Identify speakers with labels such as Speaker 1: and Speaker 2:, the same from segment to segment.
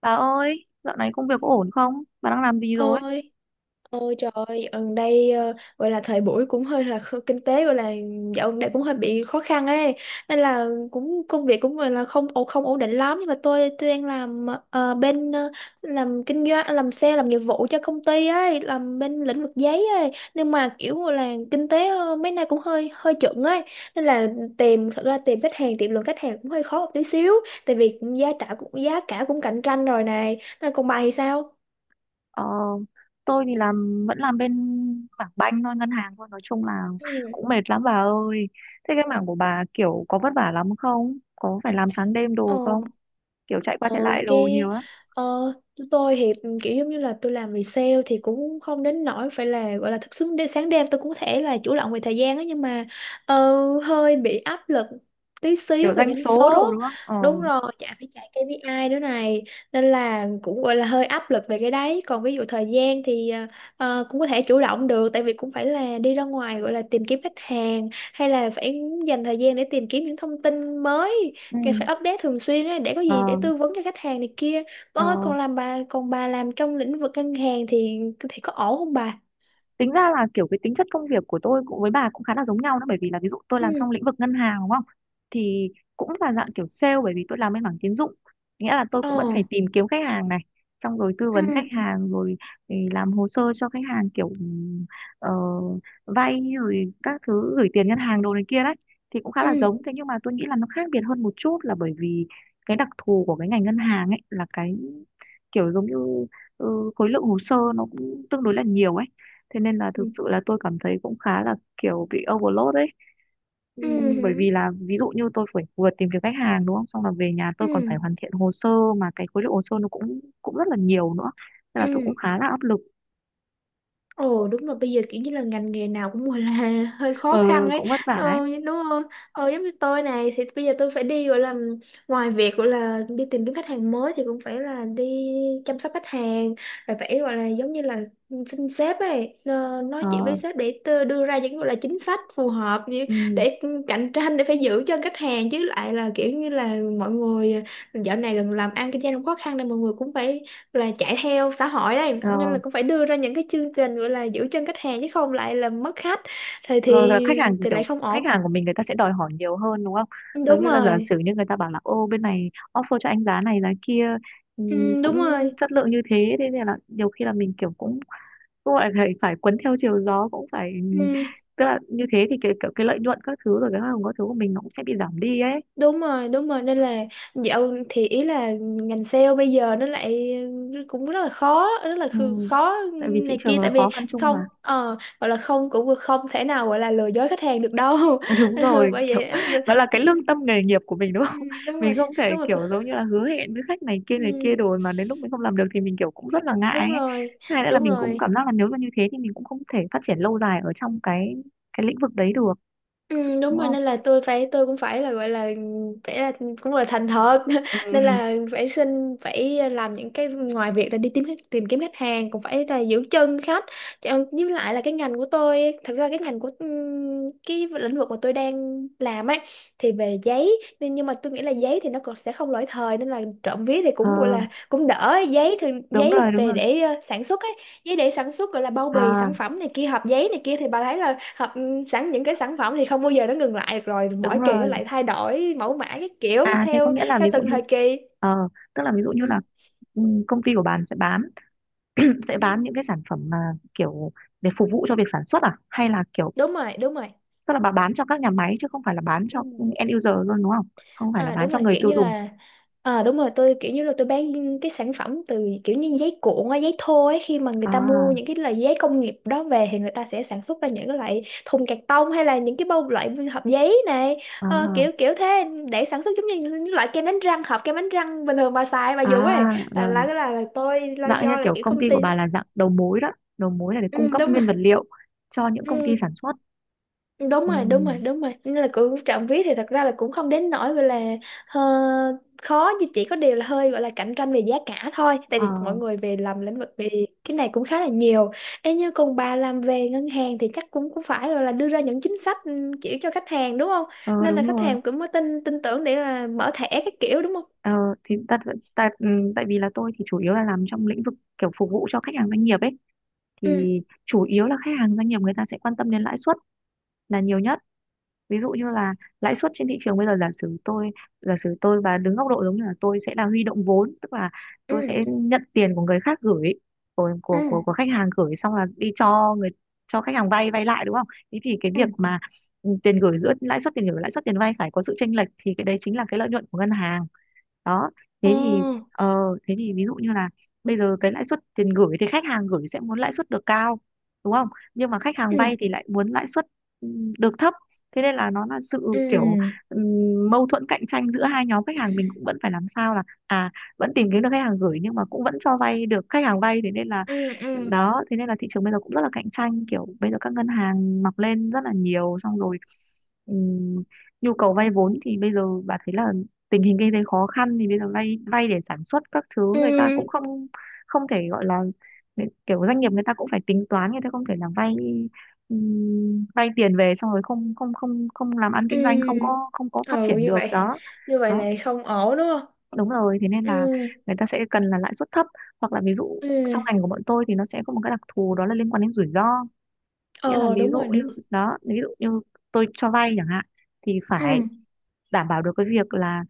Speaker 1: Bà ơi, dạo này công việc có ổn không? Bà đang làm gì rồi?
Speaker 2: Ôi, ôi trời ơi, gần đây, gọi là thời buổi cũng hơi là kinh tế gọi là dạo gần đây cũng hơi bị khó khăn ấy, nên là cũng công việc cũng gọi là không ổn định lắm, nhưng mà tôi đang làm bên làm kinh doanh, làm xe, làm nghiệp vụ cho công ty ấy, làm bên lĩnh vực giấy ấy, nhưng mà kiểu gọi là kinh tế mấy nay cũng hơi hơi chững ấy, nên là thật ra tìm khách hàng, tìm lượng khách hàng cũng hơi khó một tí xíu, tại vì giá cả cũng cạnh tranh rồi này, nên còn bà thì sao?
Speaker 1: Ờ, tôi thì vẫn làm bên mảng banh thôi, ngân hàng thôi. Nói chung là
Speaker 2: Ừ.
Speaker 1: cũng mệt lắm bà ơi. Thế cái mảng của bà kiểu có vất vả lắm không? Có phải làm sáng đêm
Speaker 2: Ờ.
Speaker 1: đồ không? Kiểu chạy qua
Speaker 2: Ờ,
Speaker 1: chạy lại đồ
Speaker 2: cái,
Speaker 1: nhiều á.
Speaker 2: ờ, tôi thì kiểu giống như là tôi làm về sale thì cũng không đến nỗi phải là gọi là thức xứng đến sáng đêm, tôi cũng có thể là chủ động về thời gian á, nhưng mà hơi bị áp lực tí xíu
Speaker 1: Kiểu
Speaker 2: về
Speaker 1: doanh
Speaker 2: doanh
Speaker 1: số
Speaker 2: số.
Speaker 1: đồ đúng không? Ờ,
Speaker 2: Đúng rồi, chả phải chạy KPI nữa này, nên là cũng gọi là hơi áp lực về cái đấy. Còn ví dụ thời gian thì cũng có thể chủ động được, tại vì cũng phải là đi ra ngoài gọi là tìm kiếm khách hàng, hay là phải dành thời gian để tìm kiếm những thông tin mới.
Speaker 1: ừ,
Speaker 2: Càng phải update thường xuyên ấy, để có gì để
Speaker 1: ờ,
Speaker 2: tư vấn cho khách hàng này kia.
Speaker 1: ờ.
Speaker 2: Con ơi, còn bà làm trong lĩnh vực ngân hàng thì có ổn không bà?
Speaker 1: Tính ra là kiểu cái tính chất công việc của tôi cũng với bà cũng khá là giống nhau đó, bởi vì là ví dụ tôi làm
Speaker 2: Ừ.
Speaker 1: trong lĩnh vực ngân hàng đúng không, thì cũng là dạng kiểu sale bởi vì tôi làm bên mảng tín dụng, nghĩa là tôi cũng vẫn
Speaker 2: Ờ.
Speaker 1: phải tìm kiếm khách hàng này, xong rồi tư
Speaker 2: Ừ.
Speaker 1: vấn khách hàng rồi thì làm hồ sơ cho khách hàng kiểu ờ, vay rồi các thứ, gửi tiền ngân hàng đồ này kia đấy. Thì cũng khá là
Speaker 2: Ừ.
Speaker 1: giống thế nhưng mà tôi nghĩ là nó khác biệt hơn một chút là bởi vì cái đặc thù của cái ngành ngân hàng ấy là cái kiểu giống như khối lượng hồ sơ nó cũng tương đối là nhiều ấy. Thế nên là thực
Speaker 2: Ừ.
Speaker 1: sự là tôi cảm thấy cũng khá là kiểu bị overload đấy. Bởi
Speaker 2: Ừ.
Speaker 1: vì là ví dụ như tôi phải vừa tìm kiếm khách hàng đúng không, xong là về nhà tôi còn
Speaker 2: Ừ.
Speaker 1: phải hoàn thiện hồ sơ, mà cái khối lượng hồ sơ nó cũng cũng rất là nhiều nữa nên là tôi
Speaker 2: Ừ.
Speaker 1: cũng khá là áp lực.
Speaker 2: Ồ đúng rồi, bây giờ kiểu như là ngành nghề nào cũng gọi là hơi khó
Speaker 1: Ờ,
Speaker 2: khăn ấy,
Speaker 1: cũng vất vả ấy.
Speaker 2: đúng không? Giống như tôi này thì bây giờ tôi phải đi gọi là, ngoài việc gọi là đi tìm kiếm khách hàng mới thì cũng phải là đi chăm sóc khách hàng, rồi phải gọi là giống như là xin sếp ấy, nói
Speaker 1: Ờ,
Speaker 2: chuyện với sếp, đưa ra những gọi là chính sách phù hợp,
Speaker 1: ừm,
Speaker 2: để cạnh tranh, để phải giữ chân khách hàng, chứ lại là kiểu như là mọi người dạo này gần làm ăn kinh doanh cũng khó khăn nên mọi người cũng phải là chạy theo xã hội đây,
Speaker 1: ờ,
Speaker 2: nên là cũng phải đưa ra những cái chương trình gọi là giữ chân khách hàng chứ không lại là mất khách thì
Speaker 1: rồi là khách hàng,
Speaker 2: lại
Speaker 1: kiểu
Speaker 2: không ổn.
Speaker 1: khách hàng của mình người ta sẽ đòi hỏi nhiều hơn đúng không. Giống
Speaker 2: Đúng
Speaker 1: như là giả
Speaker 2: rồi.
Speaker 1: sử như người ta bảo là ô bên này offer cho anh giá này giá kia,
Speaker 2: Ừ,
Speaker 1: cũng
Speaker 2: đúng rồi.
Speaker 1: chất lượng như thế. Thế nên là nhiều khi là mình kiểu cũng cũng phải phải phải cuốn theo chiều gió, cũng phải,
Speaker 2: Ừ,
Speaker 1: tức là như thế thì cái lợi nhuận các thứ rồi cái hoa hồng các thứ của mình nó cũng sẽ bị giảm đi ấy.
Speaker 2: đúng rồi. Đúng rồi, nên là dạo thì ý là ngành sale bây giờ nó lại cũng rất là khó, rất là
Speaker 1: Ừ.
Speaker 2: khó
Speaker 1: Tại vì thị
Speaker 2: này
Speaker 1: trường
Speaker 2: kia,
Speaker 1: là
Speaker 2: tại vì
Speaker 1: khó khăn chung
Speaker 2: không,
Speaker 1: mà.
Speaker 2: gọi là không, cũng không thể nào gọi là lừa dối khách hàng được đâu.
Speaker 1: Đúng
Speaker 2: Ừ,
Speaker 1: rồi
Speaker 2: bởi
Speaker 1: kiểu,
Speaker 2: vậy.
Speaker 1: đó là cái lương tâm nghề nghiệp của mình đúng
Speaker 2: Ừ,
Speaker 1: không.
Speaker 2: đúng
Speaker 1: Mình
Speaker 2: rồi.
Speaker 1: không thể
Speaker 2: Đúng rồi.
Speaker 1: kiểu giống như là hứa hẹn với khách này
Speaker 2: Ừ,
Speaker 1: kia rồi mà đến lúc mình không làm được thì mình kiểu cũng rất là
Speaker 2: đúng
Speaker 1: ngại ấy.
Speaker 2: rồi.
Speaker 1: Thứ hai nữa là
Speaker 2: Đúng
Speaker 1: mình cũng
Speaker 2: rồi.
Speaker 1: cảm giác là nếu mà như thế thì mình cũng không thể phát triển lâu dài ở trong cái lĩnh vực đấy được
Speaker 2: Ừ, đúng
Speaker 1: đúng
Speaker 2: rồi,
Speaker 1: không.
Speaker 2: nên là tôi cũng phải là gọi là phải là cũng là thành thật,
Speaker 1: Ừ.
Speaker 2: nên là phải xin, phải làm những cái, ngoài việc là đi tìm kiếm khách hàng cũng phải là giữ chân khách. Với lại là cái ngành của tôi, thật ra cái ngành của cái lĩnh vực mà tôi đang làm ấy, thì về giấy nên, nhưng mà tôi nghĩ là giấy thì nó còn sẽ không lỗi thời, nên là trộm vía thì
Speaker 1: Ờ,
Speaker 2: cũng gọi là cũng đỡ. Giấy thường,
Speaker 1: đúng
Speaker 2: giấy
Speaker 1: rồi, đúng
Speaker 2: về
Speaker 1: rồi.
Speaker 2: để sản xuất ấy, giấy để sản xuất gọi là bao bì
Speaker 1: À,
Speaker 2: sản phẩm này kia, hộp giấy này kia, thì bà thấy là hộp, sẵn những cái sản phẩm thì không bao giờ nó ngừng lại được, rồi
Speaker 1: đúng
Speaker 2: mỗi kỳ nó
Speaker 1: rồi.
Speaker 2: lại thay đổi mẫu mã cái kiểu
Speaker 1: À thế có
Speaker 2: theo
Speaker 1: nghĩa là
Speaker 2: theo
Speaker 1: ví dụ
Speaker 2: từng
Speaker 1: như
Speaker 2: thời kỳ.
Speaker 1: ờ, tức là ví dụ như
Speaker 2: Ừ.
Speaker 1: là công ty của bạn sẽ bán sẽ
Speaker 2: Ừ.
Speaker 1: bán những cái sản phẩm mà kiểu để phục vụ cho việc sản xuất, à hay là kiểu
Speaker 2: Đúng rồi. Đúng rồi.
Speaker 1: tức là bạn bán cho các nhà máy chứ không phải là bán cho
Speaker 2: Ừ.
Speaker 1: end user luôn đúng không? Không phải là
Speaker 2: À
Speaker 1: bán
Speaker 2: đúng
Speaker 1: cho
Speaker 2: rồi,
Speaker 1: người
Speaker 2: kiểu
Speaker 1: tiêu
Speaker 2: như
Speaker 1: dùng.
Speaker 2: là. Ờ đúng rồi, tôi kiểu như là tôi bán cái sản phẩm từ kiểu như giấy cuộn á, giấy thô ấy, khi mà người ta
Speaker 1: À,
Speaker 2: mua những cái loại giấy công nghiệp đó về thì người ta sẽ sản xuất ra những cái loại thùng cạc tông, hay là những cái bao, loại hộp giấy này. Ờ,
Speaker 1: à,
Speaker 2: kiểu kiểu thế, để sản xuất giống như những loại kem đánh răng, hộp kem đánh răng bình thường bà xài bà
Speaker 1: à,
Speaker 2: dùng ấy, là là
Speaker 1: rồi,
Speaker 2: là, là tôi là
Speaker 1: dạng như
Speaker 2: do là
Speaker 1: kiểu
Speaker 2: kiểu
Speaker 1: công ty
Speaker 2: công
Speaker 1: của
Speaker 2: ty.
Speaker 1: bà là dạng đầu mối đó, đầu mối là để
Speaker 2: Ừ,
Speaker 1: cung cấp
Speaker 2: đúng rồi.
Speaker 1: nguyên vật liệu cho những công ty
Speaker 2: Ừ,
Speaker 1: sản xuất.
Speaker 2: đúng rồi. Đúng rồi.
Speaker 1: Ừm,
Speaker 2: Đúng rồi, nên là cũng trộm vía thì thật ra là cũng không đến nỗi gọi là ờ, khó, nhưng chỉ có điều là hơi gọi là cạnh tranh về giá cả thôi, tại
Speaker 1: ờ,
Speaker 2: vì mọi người về làm lĩnh vực về cái này cũng khá là nhiều. Ê, như còn bà làm về ngân hàng thì chắc cũng cũng phải rồi là đưa ra những chính sách, kiểu cho khách hàng, đúng không?
Speaker 1: ờ,
Speaker 2: Nên là
Speaker 1: đúng
Speaker 2: khách
Speaker 1: rồi.
Speaker 2: hàng cũng mới tin tin tưởng để là mở thẻ cái kiểu, đúng không?
Speaker 1: Ờ, thì tại, tại tại vì là tôi thì chủ yếu là làm trong lĩnh vực kiểu phục vụ cho khách hàng doanh nghiệp ấy,
Speaker 2: Ừ,
Speaker 1: thì chủ yếu là khách hàng doanh nghiệp người ta sẽ quan tâm đến lãi suất là nhiều nhất. Ví dụ như là lãi suất trên thị trường bây giờ, giả sử tôi và đứng góc độ giống như là tôi sẽ là huy động vốn, tức là tôi
Speaker 2: ừ,
Speaker 1: sẽ nhận tiền của người khác gửi, của của của,
Speaker 2: ừ,
Speaker 1: của khách hàng gửi xong là đi cho khách hàng vay vay lại đúng không. Thế thì cái việc
Speaker 2: ừ.
Speaker 1: mà tiền gửi, giữa lãi suất tiền gửi và lãi suất tiền vay phải có sự chênh lệch thì cái đấy chính là cái lợi nhuận của ngân hàng đó.
Speaker 2: Ờ,
Speaker 1: Thế thì ờ, thế thì ví dụ như là bây giờ cái lãi suất tiền gửi thì khách hàng gửi sẽ muốn lãi suất được cao đúng không, nhưng mà khách hàng
Speaker 2: ừ,
Speaker 1: vay thì lại muốn lãi suất ừ, được thấp. Thế nên là nó là sự kiểu
Speaker 2: ừ,
Speaker 1: mâu thuẫn cạnh tranh giữa hai nhóm khách hàng, mình cũng vẫn phải làm sao là vẫn tìm kiếm được khách hàng gửi nhưng mà cũng vẫn cho vay được khách hàng vay. Thế nên là
Speaker 2: ừ, ừ,
Speaker 1: đó, thế nên là thị trường bây giờ cũng rất là cạnh tranh, kiểu bây giờ các ngân hàng mọc lên rất là nhiều, xong rồi ừm, nhu cầu vay vốn thì bây giờ bà thấy là tình hình kinh tế khó khăn thì bây giờ vay vay để sản xuất các thứ người ta cũng
Speaker 2: ừ.
Speaker 1: không không thể gọi là, kiểu doanh nghiệp người ta cũng phải tính toán, người ta không thể là vay vay tiền về xong rồi không không không không làm ăn kinh doanh,
Speaker 2: Ừ.
Speaker 1: không có phát
Speaker 2: Ừ
Speaker 1: triển
Speaker 2: như
Speaker 1: được
Speaker 2: vậy.
Speaker 1: đó.
Speaker 2: Như vậy
Speaker 1: Đó
Speaker 2: là không ổn đúng không?
Speaker 1: đúng rồi thế nên
Speaker 2: Ừ.
Speaker 1: là người ta sẽ cần là lãi suất thấp, hoặc là ví dụ
Speaker 2: Ừ.
Speaker 1: trong ngành của bọn tôi thì nó sẽ có một cái đặc thù đó là liên quan đến rủi ro. Nghĩa là
Speaker 2: Ờ
Speaker 1: ví
Speaker 2: đúng
Speaker 1: dụ
Speaker 2: rồi,
Speaker 1: như
Speaker 2: đúng rồi.
Speaker 1: đó ví dụ như tôi cho vay chẳng hạn thì phải
Speaker 2: Ừ.
Speaker 1: đảm bảo được cái việc là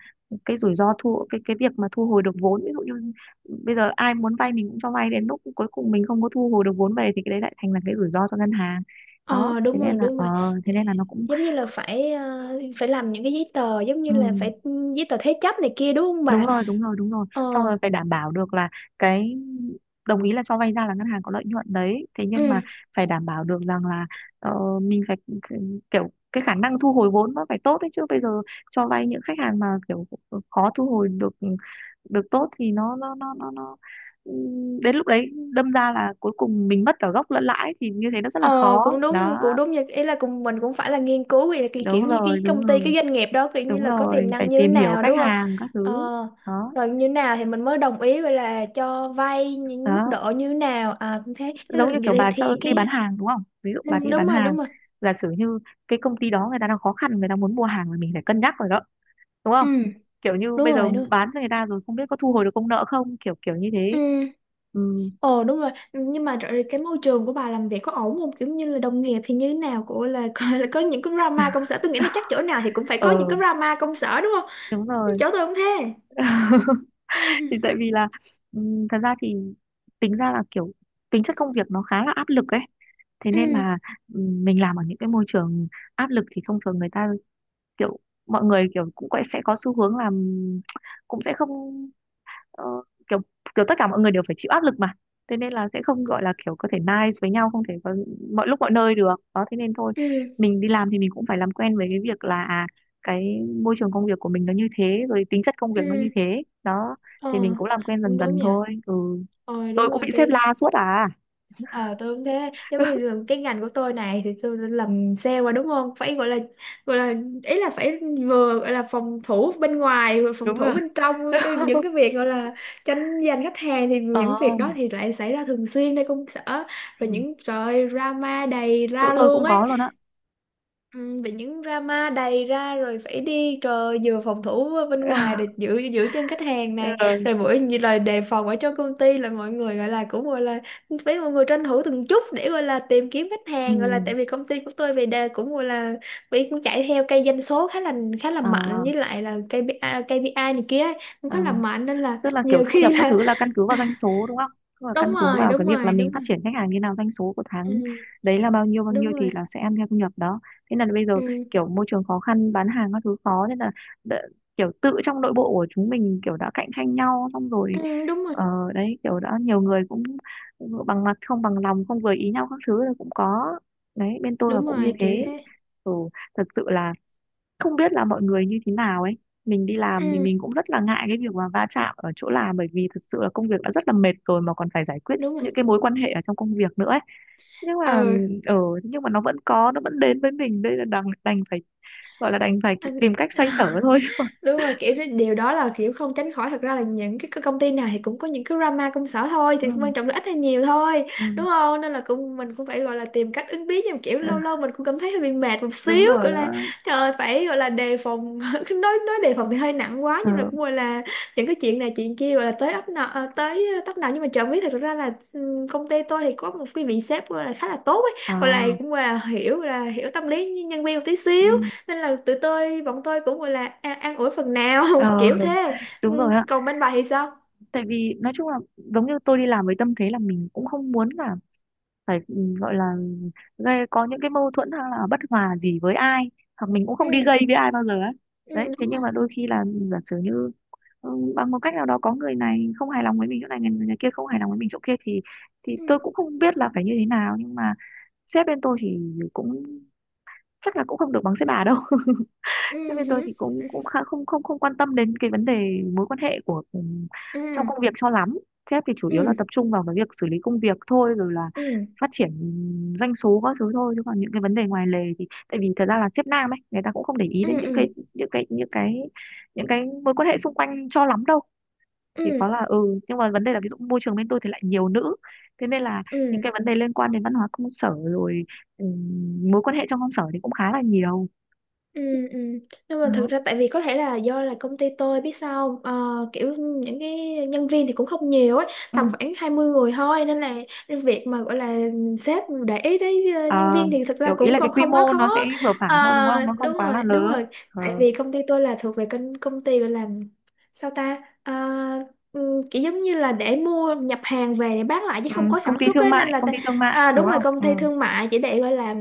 Speaker 1: cái rủi ro thu cái việc mà thu hồi được vốn. Ví dụ như bây giờ ai muốn vay mình cũng cho vay đến lúc cuối cùng mình không có thu hồi được vốn về thì cái đấy lại thành là cái rủi ro cho ngân hàng đó.
Speaker 2: Ờ
Speaker 1: thế
Speaker 2: đúng rồi,
Speaker 1: nên là
Speaker 2: đúng
Speaker 1: ờ
Speaker 2: rồi. Dạ,
Speaker 1: thế nên là nó cũng,
Speaker 2: giống như là phải, phải làm những cái giấy tờ giống như
Speaker 1: ừ,
Speaker 2: là giấy tờ thế chấp này kia đúng không
Speaker 1: đúng
Speaker 2: bà?
Speaker 1: rồi, đúng rồi, đúng rồi.
Speaker 2: Ờ.
Speaker 1: Xong rồi phải đảm bảo được là cái đồng ý là cho vay ra là ngân hàng có lợi nhuận đấy thế nhưng
Speaker 2: Ừ.
Speaker 1: mà phải đảm bảo được rằng là mình phải kiểu cái khả năng thu hồi vốn nó phải tốt đấy, chứ bây giờ cho vay những khách hàng mà kiểu khó thu hồi được được tốt thì nó đến lúc đấy đâm ra là cuối cùng mình mất cả gốc lẫn lãi thì như thế nó rất là
Speaker 2: Ờ
Speaker 1: khó
Speaker 2: cũng đúng,
Speaker 1: đó.
Speaker 2: cũng đúng, như ý là cùng mình cũng phải là nghiên cứu vậy là cái kiểu
Speaker 1: Đúng
Speaker 2: như
Speaker 1: rồi,
Speaker 2: cái
Speaker 1: đúng
Speaker 2: công ty,
Speaker 1: rồi,
Speaker 2: cái doanh nghiệp đó kiểu như
Speaker 1: đúng
Speaker 2: là có tiềm
Speaker 1: rồi, phải
Speaker 2: năng như thế
Speaker 1: tìm hiểu
Speaker 2: nào
Speaker 1: khách
Speaker 2: đúng không?
Speaker 1: hàng các
Speaker 2: Ờ,
Speaker 1: thứ. Đó,
Speaker 2: rồi như thế nào thì mình mới đồng ý vậy là cho vay những mức
Speaker 1: đó,
Speaker 2: độ như thế nào. À cũng thế, thế
Speaker 1: giống
Speaker 2: là
Speaker 1: như kiểu
Speaker 2: vậy
Speaker 1: bà cho
Speaker 2: thì
Speaker 1: đi bán
Speaker 2: cái.
Speaker 1: hàng đúng không, ví dụ
Speaker 2: Ừ,
Speaker 1: bà đi
Speaker 2: đúng
Speaker 1: bán
Speaker 2: rồi.
Speaker 1: hàng
Speaker 2: Đúng rồi.
Speaker 1: giả sử như cái công ty đó người ta đang khó khăn người ta muốn mua hàng thì mình phải cân nhắc rồi đó, đúng
Speaker 2: Ừ,
Speaker 1: không, kiểu như
Speaker 2: đúng
Speaker 1: bây giờ
Speaker 2: rồi. Đúng rồi.
Speaker 1: bán cho người ta rồi không biết có thu hồi được công nợ không, kiểu kiểu như
Speaker 2: Ừ.
Speaker 1: thế. Ừ,
Speaker 2: Ồ đúng rồi, nhưng mà rồi cái môi trường của bà làm việc có ổn không, kiểu như là đồng nghiệp thì như thế nào của là, là có những cái drama công sở, tôi nghĩ là chắc chỗ nào thì cũng phải có những
Speaker 1: ờ,
Speaker 2: cái drama công sở đúng không?
Speaker 1: đúng rồi.
Speaker 2: Chỗ tôi không thế. Ừ,
Speaker 1: Thì tại vì là thật ra thì tính ra là kiểu tính chất công việc nó khá là áp lực ấy. Thế nên
Speaker 2: ừ,
Speaker 1: là mình làm ở những cái môi trường áp lực thì thông thường người ta kiểu mọi người kiểu cũng sẽ có xu hướng làm, cũng sẽ không ờ, kiểu kiểu tất cả mọi người đều phải chịu áp lực mà. Thế nên là sẽ không gọi là kiểu có thể nice với nhau, không thể có mọi lúc mọi nơi được đó, thế nên thôi
Speaker 2: ừ,
Speaker 1: mình đi làm thì mình cũng phải làm quen với cái việc là cái môi trường công việc của mình nó như thế rồi, tính chất công việc
Speaker 2: ừ.
Speaker 1: nó như thế đó,
Speaker 2: Ờ,
Speaker 1: thì mình cũng làm quen
Speaker 2: cũng
Speaker 1: dần
Speaker 2: đúng
Speaker 1: dần
Speaker 2: nha.
Speaker 1: thôi. Ừ,
Speaker 2: Ờ,
Speaker 1: tôi
Speaker 2: đúng
Speaker 1: cũng bị
Speaker 2: rồi
Speaker 1: sếp
Speaker 2: tôi,
Speaker 1: la suốt à.
Speaker 2: ờ tôi cũng thế, giống như là cái ngành của tôi này thì tôi đã làm sale mà đúng không, phải gọi là, gọi là ý là phải vừa gọi là phòng thủ bên ngoài, vừa phòng
Speaker 1: Đúng rồi.
Speaker 2: thủ bên trong cái, những cái việc gọi là tranh giành khách hàng thì
Speaker 1: Ờ.
Speaker 2: những việc đó thì lại xảy ra thường xuyên nơi công sở, rồi
Speaker 1: Ừ.
Speaker 2: những, trời ơi, drama đầy
Speaker 1: Chỗ
Speaker 2: ra
Speaker 1: tôi
Speaker 2: luôn
Speaker 1: cũng
Speaker 2: ấy.
Speaker 1: có luôn á.
Speaker 2: Ừ, bị những drama đầy ra rồi phải đi, trời, vừa phòng thủ bên ngoài để giữ giữ chân khách hàng này, rồi
Speaker 1: Ừ.
Speaker 2: mỗi như lời đề phòng ở trong công ty là mọi người gọi là, cũng gọi là, phải mọi người tranh thủ từng chút để gọi là tìm kiếm khách
Speaker 1: Ừ.
Speaker 2: hàng, gọi là tại vì công ty của tôi về đề cũng gọi là bị, cũng chạy theo cây doanh số khá là mạnh,
Speaker 1: À.
Speaker 2: với lại là KPI KPI này kia ấy, cũng
Speaker 1: Ờ,
Speaker 2: khá là mạnh nên là
Speaker 1: tức là kiểu
Speaker 2: nhiều
Speaker 1: thu nhập
Speaker 2: khi
Speaker 1: các
Speaker 2: là.
Speaker 1: thứ là căn cứ vào doanh số đúng không? Tức là căn
Speaker 2: Đúng
Speaker 1: cứ
Speaker 2: rồi.
Speaker 1: vào
Speaker 2: Đúng
Speaker 1: cái việc là
Speaker 2: rồi.
Speaker 1: mình
Speaker 2: Đúng
Speaker 1: phát
Speaker 2: rồi.
Speaker 1: triển khách hàng như nào, doanh số của tháng
Speaker 2: Ừ,
Speaker 1: đấy là bao
Speaker 2: đúng
Speaker 1: nhiêu thì
Speaker 2: rồi.
Speaker 1: là sẽ ăn theo thu nhập đó. Thế là bây giờ
Speaker 2: Ừ.
Speaker 1: kiểu môi trường khó khăn, bán hàng các thứ khó nên là đ- kiểu tự trong nội bộ của chúng mình kiểu đã cạnh tranh nhau xong rồi.
Speaker 2: Ừ, đúng rồi.
Speaker 1: Ờ, đấy kiểu đã nhiều người cũng bằng mặt không bằng lòng, không vừa ý nhau các thứ là cũng có. Đấy, bên tôi là
Speaker 2: Đúng
Speaker 1: cũng như
Speaker 2: rồi, kiểu
Speaker 1: thế.
Speaker 2: thế.
Speaker 1: Ừ, thật sự là không biết là mọi người như thế nào ấy. Mình đi làm thì
Speaker 2: Ừ,
Speaker 1: mình cũng rất là ngại cái việc mà va chạm ở chỗ làm, bởi vì thực sự là công việc đã rất là mệt rồi mà còn phải giải quyết
Speaker 2: đúng rồi.
Speaker 1: những cái mối quan hệ ở trong công việc nữa ấy. nhưng mà
Speaker 2: Ừ.
Speaker 1: ở nhưng mà nó vẫn có, nó vẫn đến với mình, đây là đành đành phải gọi là đành phải
Speaker 2: Anh-
Speaker 1: tìm cách xoay sở thôi chứ còn.
Speaker 2: Đúng rồi, kiểu cái điều đó là kiểu không tránh khỏi, thật ra là những cái, công ty nào thì cũng có những cái drama công sở thôi, thì quan
Speaker 1: Ừ,
Speaker 2: trọng là ít hay nhiều thôi,
Speaker 1: ừ,
Speaker 2: đúng không? Nên là cũng mình cũng phải gọi là tìm cách ứng biến, nhưng mà kiểu
Speaker 1: ừ,
Speaker 2: lâu lâu mình cũng cảm thấy hơi bị mệt một
Speaker 1: đúng
Speaker 2: xíu,
Speaker 1: rồi
Speaker 2: gọi là
Speaker 1: đó.
Speaker 2: trời ơi, phải gọi là đề phòng. Nói đề phòng thì hơi nặng quá, nhưng mà
Speaker 1: Ờ,
Speaker 2: cũng gọi là những cái chuyện này chuyện kia gọi là tới ấp nào, tới tấp nào, nhưng mà chẳng biết thật ra là, công ty tôi thì có một cái vị sếp gọi là khá là tốt ấy, gọi là,
Speaker 1: à,
Speaker 2: cũng gọi là, hiểu là hiểu tâm lý nhân viên một tí
Speaker 1: ừ,
Speaker 2: xíu, nên là tụi tôi bọn tôi cũng gọi là an ủi phần nào.
Speaker 1: ờ,
Speaker 2: Kiểu thế.
Speaker 1: đúng
Speaker 2: Ừ,
Speaker 1: rồi ạ.
Speaker 2: còn bên bà thì sao?
Speaker 1: Tại vì nói chung là giống như tôi đi làm với tâm thế là mình cũng không muốn là phải gọi là gây có những cái mâu thuẫn hay là bất hòa gì với ai, hoặc mình cũng
Speaker 2: Ừ.
Speaker 1: không đi gây với ai bao giờ ấy.
Speaker 2: Ừ,
Speaker 1: Đấy, thế
Speaker 2: đúng
Speaker 1: nhưng
Speaker 2: rồi.
Speaker 1: mà đôi khi là giả sử như bằng một cách nào đó có người này không hài lòng với mình chỗ này, người kia không hài lòng với mình chỗ kia thì
Speaker 2: Ừ.
Speaker 1: tôi cũng không biết là phải như thế nào. Nhưng mà sếp bên tôi thì cũng chắc là cũng không được bằng sếp bà đâu. Thế
Speaker 2: Ừ.
Speaker 1: bên tôi
Speaker 2: Hử,
Speaker 1: thì cũng
Speaker 2: ừ,
Speaker 1: cũng khá không không không quan tâm đến cái vấn đề mối quan hệ của trong
Speaker 2: ừ,
Speaker 1: công việc cho lắm. Sếp thì chủ yếu là
Speaker 2: ừ,
Speaker 1: tập trung vào cái việc xử lý công việc thôi, rồi là phát triển doanh số các thứ thôi, chứ còn những cái vấn đề ngoài lề thì tại vì thật ra là sếp nam ấy, người ta cũng không để ý
Speaker 2: ừ,
Speaker 1: đến những
Speaker 2: ừ,
Speaker 1: cái những cái những cái những cái mối quan hệ xung quanh cho lắm đâu. Chỉ
Speaker 2: ừ,
Speaker 1: có là nhưng mà vấn đề là ví dụ môi trường bên tôi thì lại nhiều nữ, thế nên là những
Speaker 2: ừ.
Speaker 1: cái vấn đề liên quan đến văn hóa công sở rồi ừ, mối quan hệ trong công sở thì cũng khá là nhiều.
Speaker 2: Ừ, ừ. Nhưng mà thực
Speaker 1: Đó.
Speaker 2: ra tại vì có thể là do là công ty tôi biết sao không? Ờ, kiểu những cái nhân viên thì cũng không nhiều ấy,
Speaker 1: Ừ.
Speaker 2: tầm khoảng 20 người thôi, nên là cái việc mà gọi là sếp để ý tới,
Speaker 1: Ờ,
Speaker 2: nhân viên thì thực ra
Speaker 1: kiểu ý
Speaker 2: cũng
Speaker 1: là cái
Speaker 2: không
Speaker 1: quy
Speaker 2: không quá
Speaker 1: mô
Speaker 2: khó.
Speaker 1: nó sẽ vừa phải thôi đúng
Speaker 2: Ờ,
Speaker 1: không? Nó
Speaker 2: đúng
Speaker 1: không quá là
Speaker 2: rồi. Đúng
Speaker 1: lớn.
Speaker 2: rồi,
Speaker 1: Ờ,
Speaker 2: tại vì công ty tôi là thuộc về công công ty gọi là, sao ta. Ờ, ừ, kiểu giống như là để mua nhập hàng về để bán lại chứ
Speaker 1: ừ,
Speaker 2: không có
Speaker 1: công
Speaker 2: sản
Speaker 1: ty
Speaker 2: xuất
Speaker 1: thương
Speaker 2: ấy nên
Speaker 1: mại,
Speaker 2: là
Speaker 1: công ty thương mại
Speaker 2: à,
Speaker 1: đúng
Speaker 2: đúng rồi,
Speaker 1: không?
Speaker 2: công ty
Speaker 1: Ừ.
Speaker 2: thương mại chỉ để gọi là,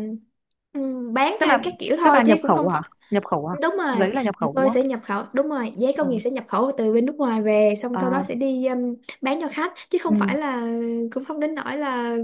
Speaker 2: bán
Speaker 1: Tức
Speaker 2: hay
Speaker 1: là
Speaker 2: các kiểu
Speaker 1: các
Speaker 2: thôi
Speaker 1: bà
Speaker 2: chứ
Speaker 1: nhập
Speaker 2: cũng
Speaker 1: khẩu
Speaker 2: không
Speaker 1: hả?
Speaker 2: phải.
Speaker 1: Nhập khẩu hả?
Speaker 2: Đúng rồi,
Speaker 1: Giấy là nhập khẩu đúng
Speaker 2: tôi
Speaker 1: không?
Speaker 2: sẽ nhập khẩu. Đúng rồi, giấy
Speaker 1: Ờ,
Speaker 2: công nghiệp sẽ nhập khẩu từ bên nước ngoài về, xong
Speaker 1: ờ,
Speaker 2: sau đó sẽ đi, bán cho khách chứ không
Speaker 1: ừ,
Speaker 2: phải là, cũng không đến nỗi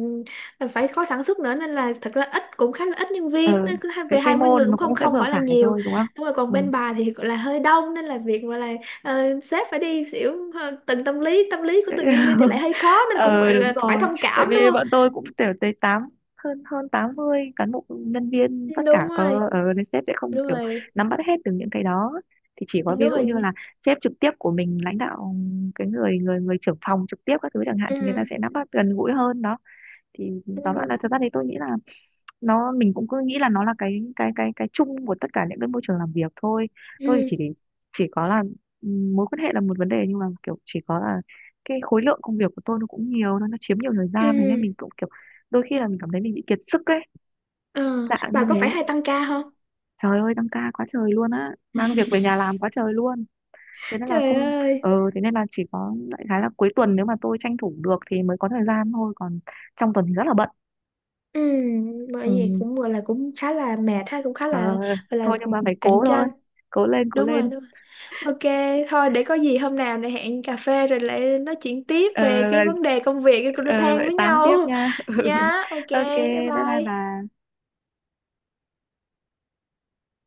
Speaker 2: là phải có sản xuất nữa, nên là thật ra cũng khá là ít nhân
Speaker 1: ờ,
Speaker 2: viên, nên cứ
Speaker 1: cái
Speaker 2: về
Speaker 1: quy
Speaker 2: 20
Speaker 1: mô
Speaker 2: người
Speaker 1: nó
Speaker 2: cũng không
Speaker 1: cũng sẽ
Speaker 2: không
Speaker 1: vừa
Speaker 2: phải là
Speaker 1: phải
Speaker 2: nhiều.
Speaker 1: thôi đúng không?
Speaker 2: Đúng rồi, còn
Speaker 1: Ừ.
Speaker 2: bên bà thì gọi là hơi đông, nên là việc mà là, sếp phải đi xỉu, từng tâm lý của từng nhân viên thì lại hơi khó nên cũng gọi
Speaker 1: Ờ, đúng
Speaker 2: là phải
Speaker 1: rồi,
Speaker 2: thông
Speaker 1: tại
Speaker 2: cảm, đúng
Speaker 1: vì
Speaker 2: không?
Speaker 1: bọn tôi cũng kiểu tới tám hơn hơn 80 cán bộ nhân viên tất
Speaker 2: Đúng
Speaker 1: cả
Speaker 2: rồi.
Speaker 1: có, ờ, nên sếp sẽ không
Speaker 2: Đúng
Speaker 1: kiểu
Speaker 2: rồi.
Speaker 1: nắm bắt hết được những cái đó. Thì chỉ có
Speaker 2: Đúng
Speaker 1: ví dụ như
Speaker 2: rồi.
Speaker 1: là sếp trực tiếp của mình lãnh đạo, cái người người người trưởng phòng trực tiếp các thứ chẳng hạn
Speaker 2: Ừ,
Speaker 1: thì người ta sẽ nắm bắt gần gũi hơn đó. Thì
Speaker 2: ừ,
Speaker 1: tóm lại là thật ra thì tôi nghĩ là nó, mình cũng cứ nghĩ là nó là cái chung của tất cả những cái môi trường làm việc thôi. Tôi
Speaker 2: ừ,
Speaker 1: chỉ để, chỉ có là mối quan hệ là một vấn đề, nhưng mà kiểu chỉ có là cái khối lượng công việc của tôi nó cũng nhiều, nó chiếm nhiều thời gian, thế nên
Speaker 2: ừ.
Speaker 1: mình cũng kiểu đôi khi là mình cảm thấy mình bị kiệt sức ấy,
Speaker 2: Ờ,
Speaker 1: dạng
Speaker 2: bà
Speaker 1: như
Speaker 2: có phải hay
Speaker 1: thế.
Speaker 2: tăng ca không?
Speaker 1: Trời ơi, tăng ca quá trời luôn á, mang việc về nhà làm quá trời luôn, thế nên là
Speaker 2: Trời
Speaker 1: không.
Speaker 2: ơi.
Speaker 1: Ờ, thế nên là chỉ có đại khái là cuối tuần nếu mà tôi tranh thủ được thì mới có thời gian thôi, còn trong tuần thì rất là bận.
Speaker 2: Ừ, bởi
Speaker 1: Ừ,
Speaker 2: vì cũng gọi là cũng khá là mệt ha, cũng khá
Speaker 1: ờ,
Speaker 2: là, gọi là,
Speaker 1: thôi nhưng mà phải
Speaker 2: cạnh
Speaker 1: cố thôi.
Speaker 2: tranh.
Speaker 1: Cố lên, cố
Speaker 2: Đúng rồi,
Speaker 1: lên.
Speaker 2: đúng rồi. Ok, thôi để có gì hôm nào này hẹn cà phê rồi lại nói chuyện tiếp
Speaker 1: Ờ,
Speaker 2: về cái
Speaker 1: lại
Speaker 2: vấn đề công việc cái cô
Speaker 1: ờ,
Speaker 2: than
Speaker 1: lại
Speaker 2: với
Speaker 1: tám tiếp
Speaker 2: nhau.
Speaker 1: nha.
Speaker 2: Nhá. Ok,
Speaker 1: Ok,
Speaker 2: bye
Speaker 1: bye bye
Speaker 2: bye.
Speaker 1: bà.